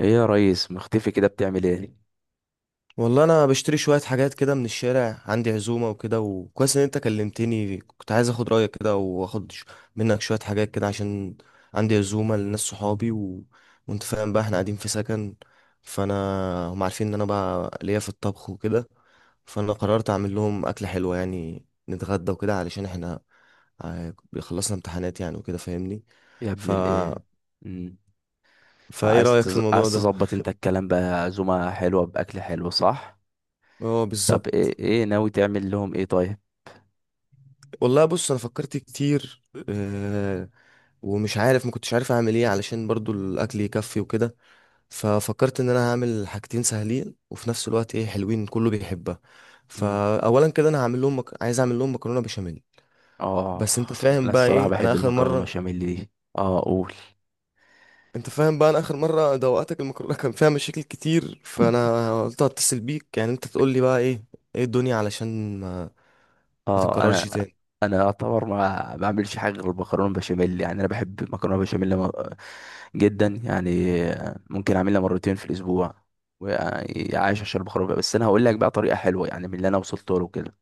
ايه يا ريس، مختفي كده، بتعمل ايه والله انا بشتري شويه حاجات كده من الشارع، عندي عزومه وكده. وكويس ان انت كلمتني، كنت عايز اخد رايك كده واخد منك شويه حاجات كده عشان عندي عزومه لناس صحابي وانت فاهم بقى احنا قاعدين في سكن، فانا هم عارفين ان انا بقى ليا في الطبخ وكده. فانا قررت اعمل لهم اكله حلوه يعني نتغدى وكده علشان احنا ع- خلصنا امتحانات يعني وكده فاهمني. يا ابن ف الايه؟ امم فايه رايك في الموضوع عايز ده؟ تظبط انت الكلام بقى، عزومه حلوه، باكل حلو، صح؟ اه طب بالظبط. ايه ناوي تعمل لهم ايه طيب؟ والله بص انا فكرت كتير، آه، ومش عارف ما كنتش عارف اعمل ايه علشان برضو الاكل يكفي وكده. ففكرت ان انا هعمل حاجتين سهلين وفي نفس الوقت ايه حلوين كله بيحبها. امم فاولا كده انا عايز اعمل لهم مكرونه بشاميل. اه. بس انت فاهم انا بقى الصراحه ايه انا بحب اخر المكرونه مره. بشاميل دي. اه، قول. انت فاهم بقى انا اخر مره دوقتك المكرونه كان فيها مشاكل كتير، فانا قلت هتصل بيك يعني انت تقول لي بقى ايه ايه الدنيا علشان ما اه، تتكررش انا تاني. انا اعتبر ما بعملش حاجه غير المكرونه بشاميل، يعني انا بحب المكرونه بشاميل جدا يعني. ممكن اعملها مرتين في الاسبوع وعايش عشان المكرونه، بس انا هقول لك بقى طريقه حلوه يعني من اللي انا وصلت له كده.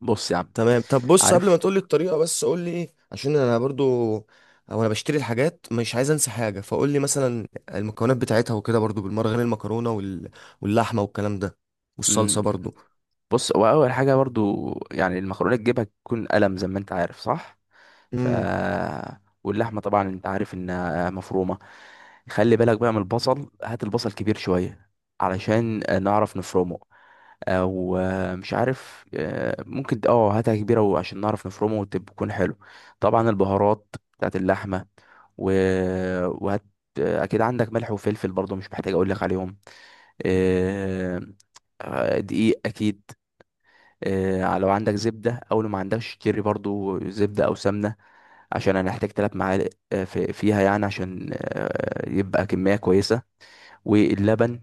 بص يا عم، تمام، طب بص قبل ما عارف. تقولي الطريقة، بس قولي ايه عشان انا برضو او انا بشتري الحاجات مش عايز انسى حاجة، فقولي مثلا المكونات بتاعتها وكده برضو بالمرة غير المكرونة واللحمة والكلام ده، مم. والصلصة برضو. بص، هو اول حاجه برضو يعني المكرونه تجيبها تكون قلم زي ما انت عارف، صح؟ ف امم. واللحمه طبعا انت عارف انها مفرومه. خلي بالك بقى من البصل، هات البصل كبير شويه علشان نعرف نفرمه. او مش عارف، ممكن اه هاتها كبيره وعشان نعرف نفرمه وتكون حلو. طبعا البهارات بتاعت اللحمه و... وهات، اكيد عندك ملح وفلفل برضو، مش محتاج اقول لك عليهم. آه، دقيق اكيد. لو عندك زبدة او لو ما عندكش اشتري برضو زبدة او سمنة، عشان هنحتاج 3 معالق فيها يعني، عشان يبقى كمية كويسة. واللبن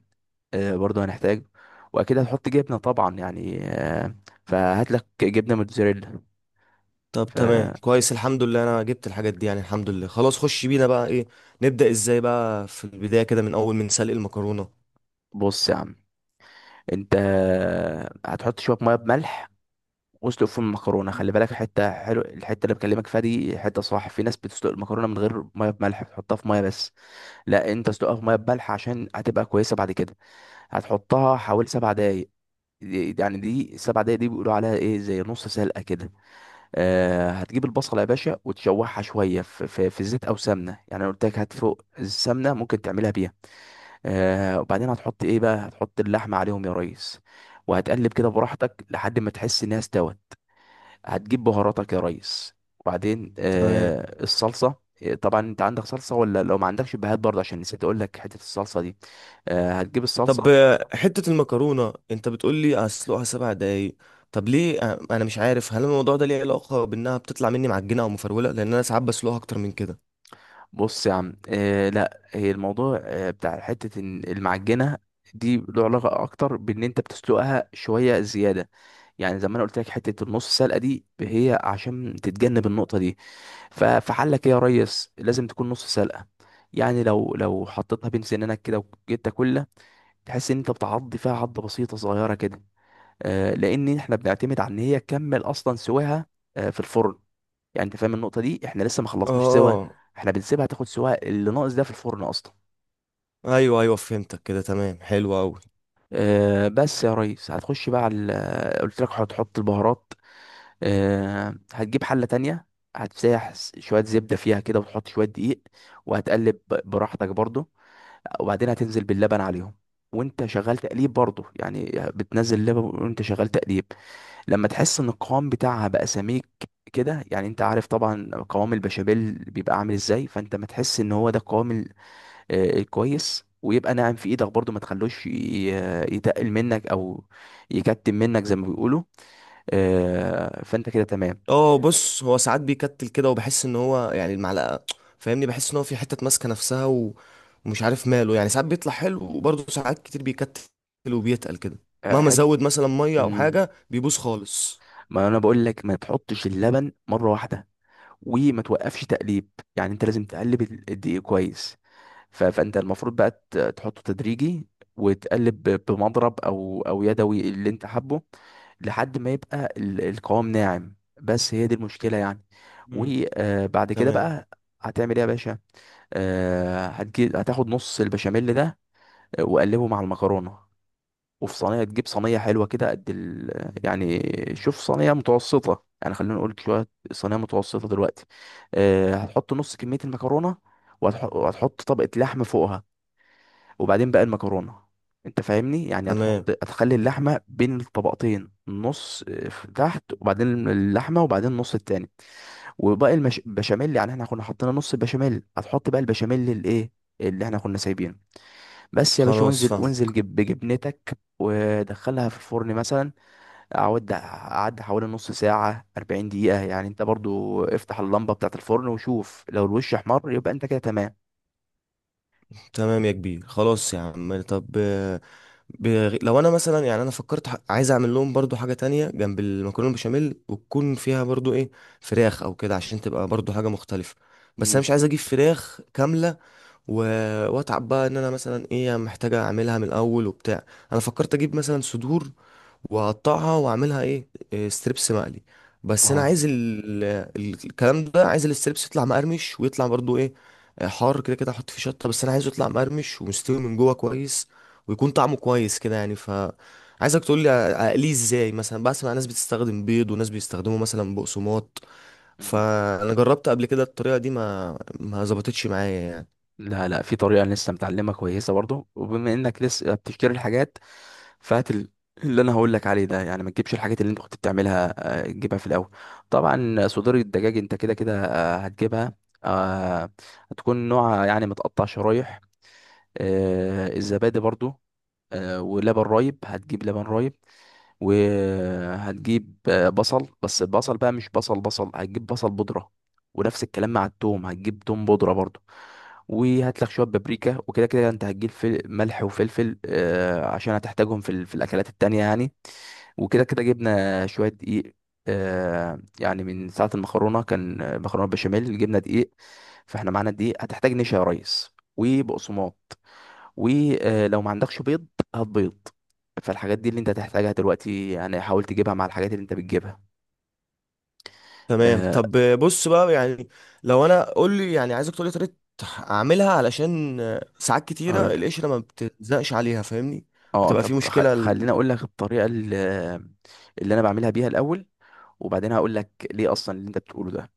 برضو هنحتاج. واكيد هتحط جبنة طبعا يعني، فهات لك جبنة موتزاريلا. طب تمام فبص كويس، الحمد لله انا جبت الحاجات دي يعني، الحمد لله خلاص. خش بينا بقى ايه، نبدأ ازاي بقى في البداية كده من اول من سلق المكرونة. يا عم، انت هتحط شوية مية بملح واسلق فيهم المكرونه. خلي بالك حته حلو، الحته اللي بكلمك فيها دي حته صح. في ناس بتسلق المكرونه من غير ميه بملح، بتحطها في ميه بس. لا، انت اسلقها في ميه بملح عشان هتبقى كويسه بعد كده. هتحطها حوالي 7 دقايق. دي السبع دقايق دي بيقولوا عليها ايه زي نص سلقه كده. آه، هتجيب البصله يا باشا وتشوحها شويه في زيت او سمنه، يعني أنا قلت لك هات فوق السمنه ممكن تعملها بيها. آه، وبعدين هتحط ايه بقى، هتحط اللحمه عليهم يا ريس، وهتقلب كده براحتك لحد ما تحس انها استوت. هتجيب بهاراتك يا ريس، وبعدين تمام، آه الصلصه. طبعا انت عندك صلصه، ولا لو ما عندكش بهات برضه عشان نسيت اقول لك حته الصلصه دي. آه، هتجيب طب الصلصه. حتة المكرونة انت بتقول لي اسلقها 7 دقايق، طب ليه؟ انا مش عارف هل الموضوع ده ليه علاقة بانها بتطلع مني معجنة او مفرولة، لان انا ساعات بسلقها اكتر من كده. بص يا عم، آه لا، هي الموضوع آه بتاع حته إن المعجنه دي له علاقه اكتر بان انت بتسلقها شويه زياده. يعني زي ما انا قلت لك حته النص سلقه دي هي عشان تتجنب النقطه دي. فحلك ايه يا ريس، لازم تكون نص سلقه. يعني لو حطيتها بين سنانك كده وجيت تاكلها، تحس ان انت بتعض فيها عضه بسيطه صغيره كده. لان احنا بنعتمد على ان هي تكمل اصلا سواها في الفرن. يعني انت فاهم النقطه دي، احنا لسه ما خلصناش سوا، اه. احنا بنسيبها تاخد سوا اللي ناقص ده في الفرن اصلا. ايوه ايوه فهمتك كده، تمام حلو قوي. بس يا ريس هتخش بقى على قلت لك هتحط البهارات. هتجيب حله تانية، هتسيح شويه زبده فيها كده وتحط شويه دقيق، وهتقلب براحتك برضو. وبعدين هتنزل باللبن عليهم وانت شغال تقليب برضو، يعني بتنزل لبن وانت شغال تقليب. لما تحس ان القوام بتاعها بقى سميك كده، يعني انت عارف طبعا قوام البشاميل بيبقى عامل ازاي، فانت ما تحس ان هو ده القوام الكويس، ويبقى ناعم في ايدك برضو، ما تخلوش يتقل منك او يكتم منك زي ما بيقولوا. فانت كده تمام. اه بص هو ساعات بيكتل كده، وبحس ان هو يعني المعلقة فاهمني، بحس ان هو في حتة ماسكة نفسها ومش عارف ماله يعني. ساعات بيطلع حلو وبرضه ساعات كتير بيكتل وبيتقل كده، آه، مهما حت ازود مثلا مية او مم. حاجة بيبوظ خالص. ما انا بقول لك، ما تحطش اللبن مره واحده وما توقفش تقليب، يعني انت لازم تقلب الدقيق كويس. فانت المفروض بقى تحطه تدريجي وتقلب بمضرب او يدوي اللي انت حابه لحد ما يبقى القوام ناعم. بس هي دي المشكلة يعني. مم. وبعد كده تمام. بقى هتعمل ايه يا باشا؟ آه، هتجيب هتاخد نص البشاميل ده وقلبه مع المكرونة. وفي صينية، تجيب صينية حلوة كده قد يعني شوف صينية متوسطة، يعني خلينا نقول شوية صينية متوسطة دلوقتي. هتحط نص كمية المكرونة، وهتحط طبقة لحم فوقها، وبعدين بقى المكرونة. انت فاهمني يعني، تمام هتخلي اللحمة بين الطبقتين، نص في تحت، وبعدين اللحمة، وبعدين النص التاني. وباقي البشاميل يعني احنا كنا حطينا نص البشاميل، هتحط بقى البشاميل الايه اللي احنا كنا سايبينه. بس يا باشا، خلاص وانزل فاهم. وانزل جب بجبنتك ودخلها في الفرن مثلا. اقعد اعد حوالي نص ساعة، 40 دقيقة يعني. انت برضو افتح اللمبة بتاعة الفرن وشوف، لو الوش احمر يبقى انت كده تمام. تمام يا كبير، خلاص يا عم. طب لو انا مثلا يعني انا فكرت عايز اعمل لهم برضو حاجه تانية جنب المكرونه البشاميل وتكون فيها برضو ايه، فراخ او كده عشان تبقى برضو حاجه مختلفه. بس انا مش مم. عايز اجيب فراخ كامله و... واتعب بقى ان انا مثلا ايه محتاجه اعملها من الاول وبتاع. انا فكرت اجيب مثلا صدور وهقطعها واعملها ايه، ستريبس مقلي. بس انا اه. عايز ال- الكلام ده، عايز الستريبس يطلع مقرمش ويطلع برضو ايه، حار كده كده احط فيه شطه، بس انا عايزه يطلع مقرمش ومستوي من جوه كويس، ويكون طعمه كويس كده يعني. عايزك تقول لي اقليه ازاي، مثلا بسمع ناس بتستخدم بيض وناس بيستخدموا مثلا بقسماط، فانا جربت قبل كده الطريقه دي ما ظبطتش معايا يعني. لا لا، في طريقة أنا لسه متعلمها كويسة برضو، وبما انك لسه بتفتكر الحاجات فهات اللي انا هقول لك عليه ده، يعني ما تجيبش الحاجات اللي انت كنت بتعملها، تجيبها في الاول. طبعا صدور الدجاج انت كده كده هتجيبها. آه، هتكون نوعها يعني متقطع شرايح. الزبادي برضو. ولبن رايب، هتجيب لبن رايب. وهتجيب بصل، بس البصل بقى مش بصل، هتجيب بصل بودرة. ونفس الكلام مع التوم، هتجيب توم بودرة برضو. وهات لك شوية بابريكا. وكده كده انت هتجيب ملح وفلفل عشان هتحتاجهم في الأكلات التانية يعني. وكده كده جبنا شوية دقيق، يعني من ساعة المكرونة كان مكرونة بشاميل، جبنا دقيق. فاحنا معانا دقيق. هتحتاج نشا يا ريس وبقسماط. ولو ما عندكش بيض، هات بيض. فالحاجات دي اللي انت هتحتاجها دلوقتي يعني، حاول تجيبها مع الحاجات اللي انت بتجيبها. تمام، آه، طب بص بقى يعني، لو انا قول لي يعني عايزك تقول لي طريقه اعملها علشان ساعات كتيره اقول لك. القشره ما بتلزقش عليها فاهمني، اه، بتبقى طب في مشكله خليني اقول لك الطريقه اللي انا بعملها بيها الاول، وبعدين هقول لك ليه اصلا اللي انت بتقوله ده.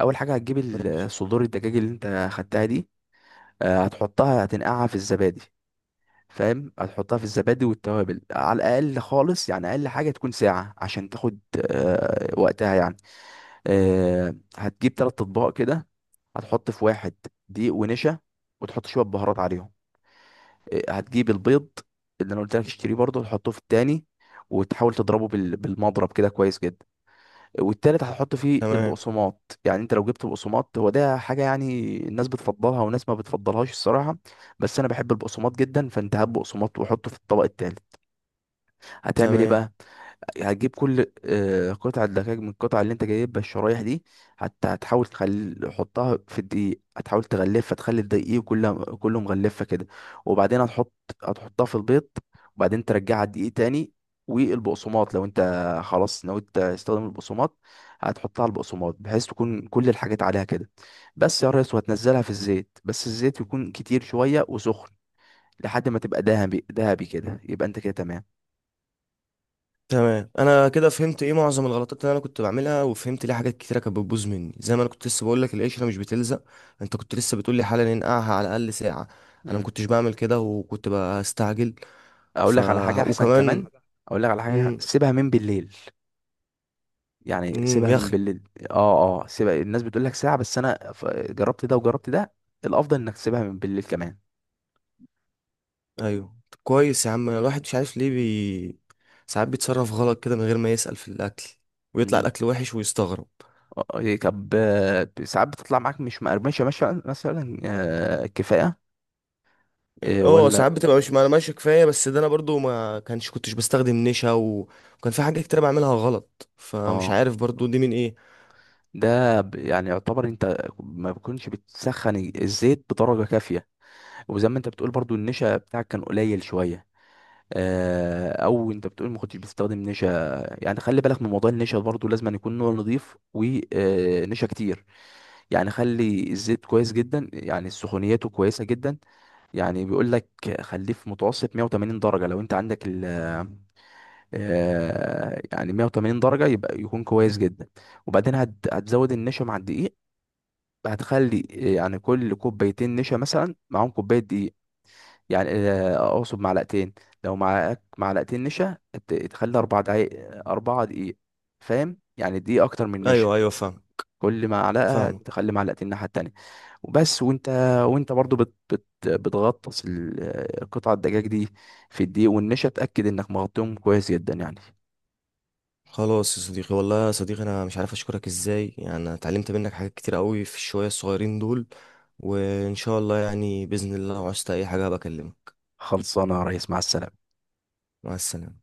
اول حاجه هتجيب ماشي. صدور الدجاج اللي انت خدتها دي. آه، هتحطها هتنقعها في الزبادي. فاهم، هتحطها في الزبادي والتوابل على الاقل، خالص يعني، اقل حاجه تكون ساعه عشان تاخد وقتها يعني. هتجيب 3 اطباق كده. هتحط في واحد دقيق ونشا، وتحط شويه بهارات عليهم. هتجيب البيض اللي انا قلت لك اشتريه برضه، تحطه في التاني، وتحاول تضربه بالمضرب كده كويس جدا. والتالت هتحط فيه تمام. البقسماط. يعني انت لو جبت بقسماط، هو ده حاجه يعني الناس بتفضلها وناس ما بتفضلهاش الصراحه، بس انا بحب البقسماط جدا. فانت هات بقسماط وحطه في الطبق التالت. هتعمل ايه تمام. بقى؟ هتجيب كل قطعة دجاج من القطعة اللي انت جايبها الشرايح دي. حتى حطها في الدقيق، هتحاول تغلفها تخلي الدقيق كله مغلفة كده. وبعدين هتحطها في البيض، وبعدين ترجعها الدقيق تاني والبقسماط. لو انت خلاص ناوي تستخدم البقسماط، هتحطها على البقسماط بحيث تكون كل الحاجات عليها كده. بس يا ريس، وهتنزلها في الزيت، بس الزيت يكون كتير شوية وسخن، لحد ما تبقى دهبي دهبي كده يبقى انت كده تمام. تمام انا كده فهمت ايه معظم الغلطات اللي انا كنت بعملها، وفهمت ليه حاجات كتيره كانت بتبوظ مني، زي ما انا كنت لسه بقول لك القشره مش بتلزق. انت كنت لسه بتقول لي حالا ننقعها على الاقل ساعه، انا ما مم. كنتش بعمل كده وكنت بستعجل. اقول ف لك على حاجه احسن وكمان. كمان. اقول لك على حاجه، امم. سيبها من بالليل، يعني إمم، سيبها يا من بالليل. اه اه، سيبها. الناس بتقول لك ساعه، بس انا جربت ده وجربت ده، الافضل انك تسيبها من بالليل كمان. ايوه. طب كويس يا عم، الواحد مش عارف ليه ساعات بيتصرف غلط كده من غير ما يسأل في الاكل، ويطلع مم. الاكل وحش ويستغرب. طب ساعات بتطلع معاك مش مقرمشه مثلا كفايه اه ساعات ولا؟ بتبقى مش معلومة ماشية كفاية، بس ده انا برضو ما كانش كنتش بستخدم نشا وكان في حاجات كتير بعملها غلط، فمش اه. عارف برضو دي من ايه. يعني يعتبر انت ما بتكونش بتسخن الزيت بدرجه كافيه. وزي ما انت بتقول برضو، النشا بتاعك كان قليل شويه. او انت بتقول ما كنتش بتستخدم نشا. يعني خلي بالك من موضوع النشا برضو، لازم أن يكون نوع نظيف ونشا كتير. يعني خلي الزيت كويس جدا، يعني سخونيته كويسه جدا. يعني بيقول لك خليه في متوسط 180 درجه، لو انت عندك ال يعني 180 درجه يبقى يكون كويس جدا. وبعدين هتزود النشا مع الدقيق. هتخلي يعني كل كوبايتين نشا مثلا معاهم كوبايه دقيق. يعني اقصد معلقتين. لو معاك معلقتين نشا، تخلي 4 دقايق. اربعة دقيق فاهم، يعني دقيقة اكتر من نشا. ايوه ايوه فاهم. كل معلقة فاهم. تخلي معلقتين الناحية التانية. وبس. وانت برضو بت بت بتغطس قطع الدجاج دي في الدقيق والنشا. اتأكد انك مغطيهم كويس جدا يعني. خلاص يا صديقي، والله يا صديقي انا مش عارف اشكرك ازاي يعني، انا اتعلمت منك حاجات كتير قوي في الشوية الصغيرين دول. وان شاء الله يعني بإذن الله لو عوزت اي حاجة بكلمك. خلصانة يا ريس، مع السلامة. مع السلامة.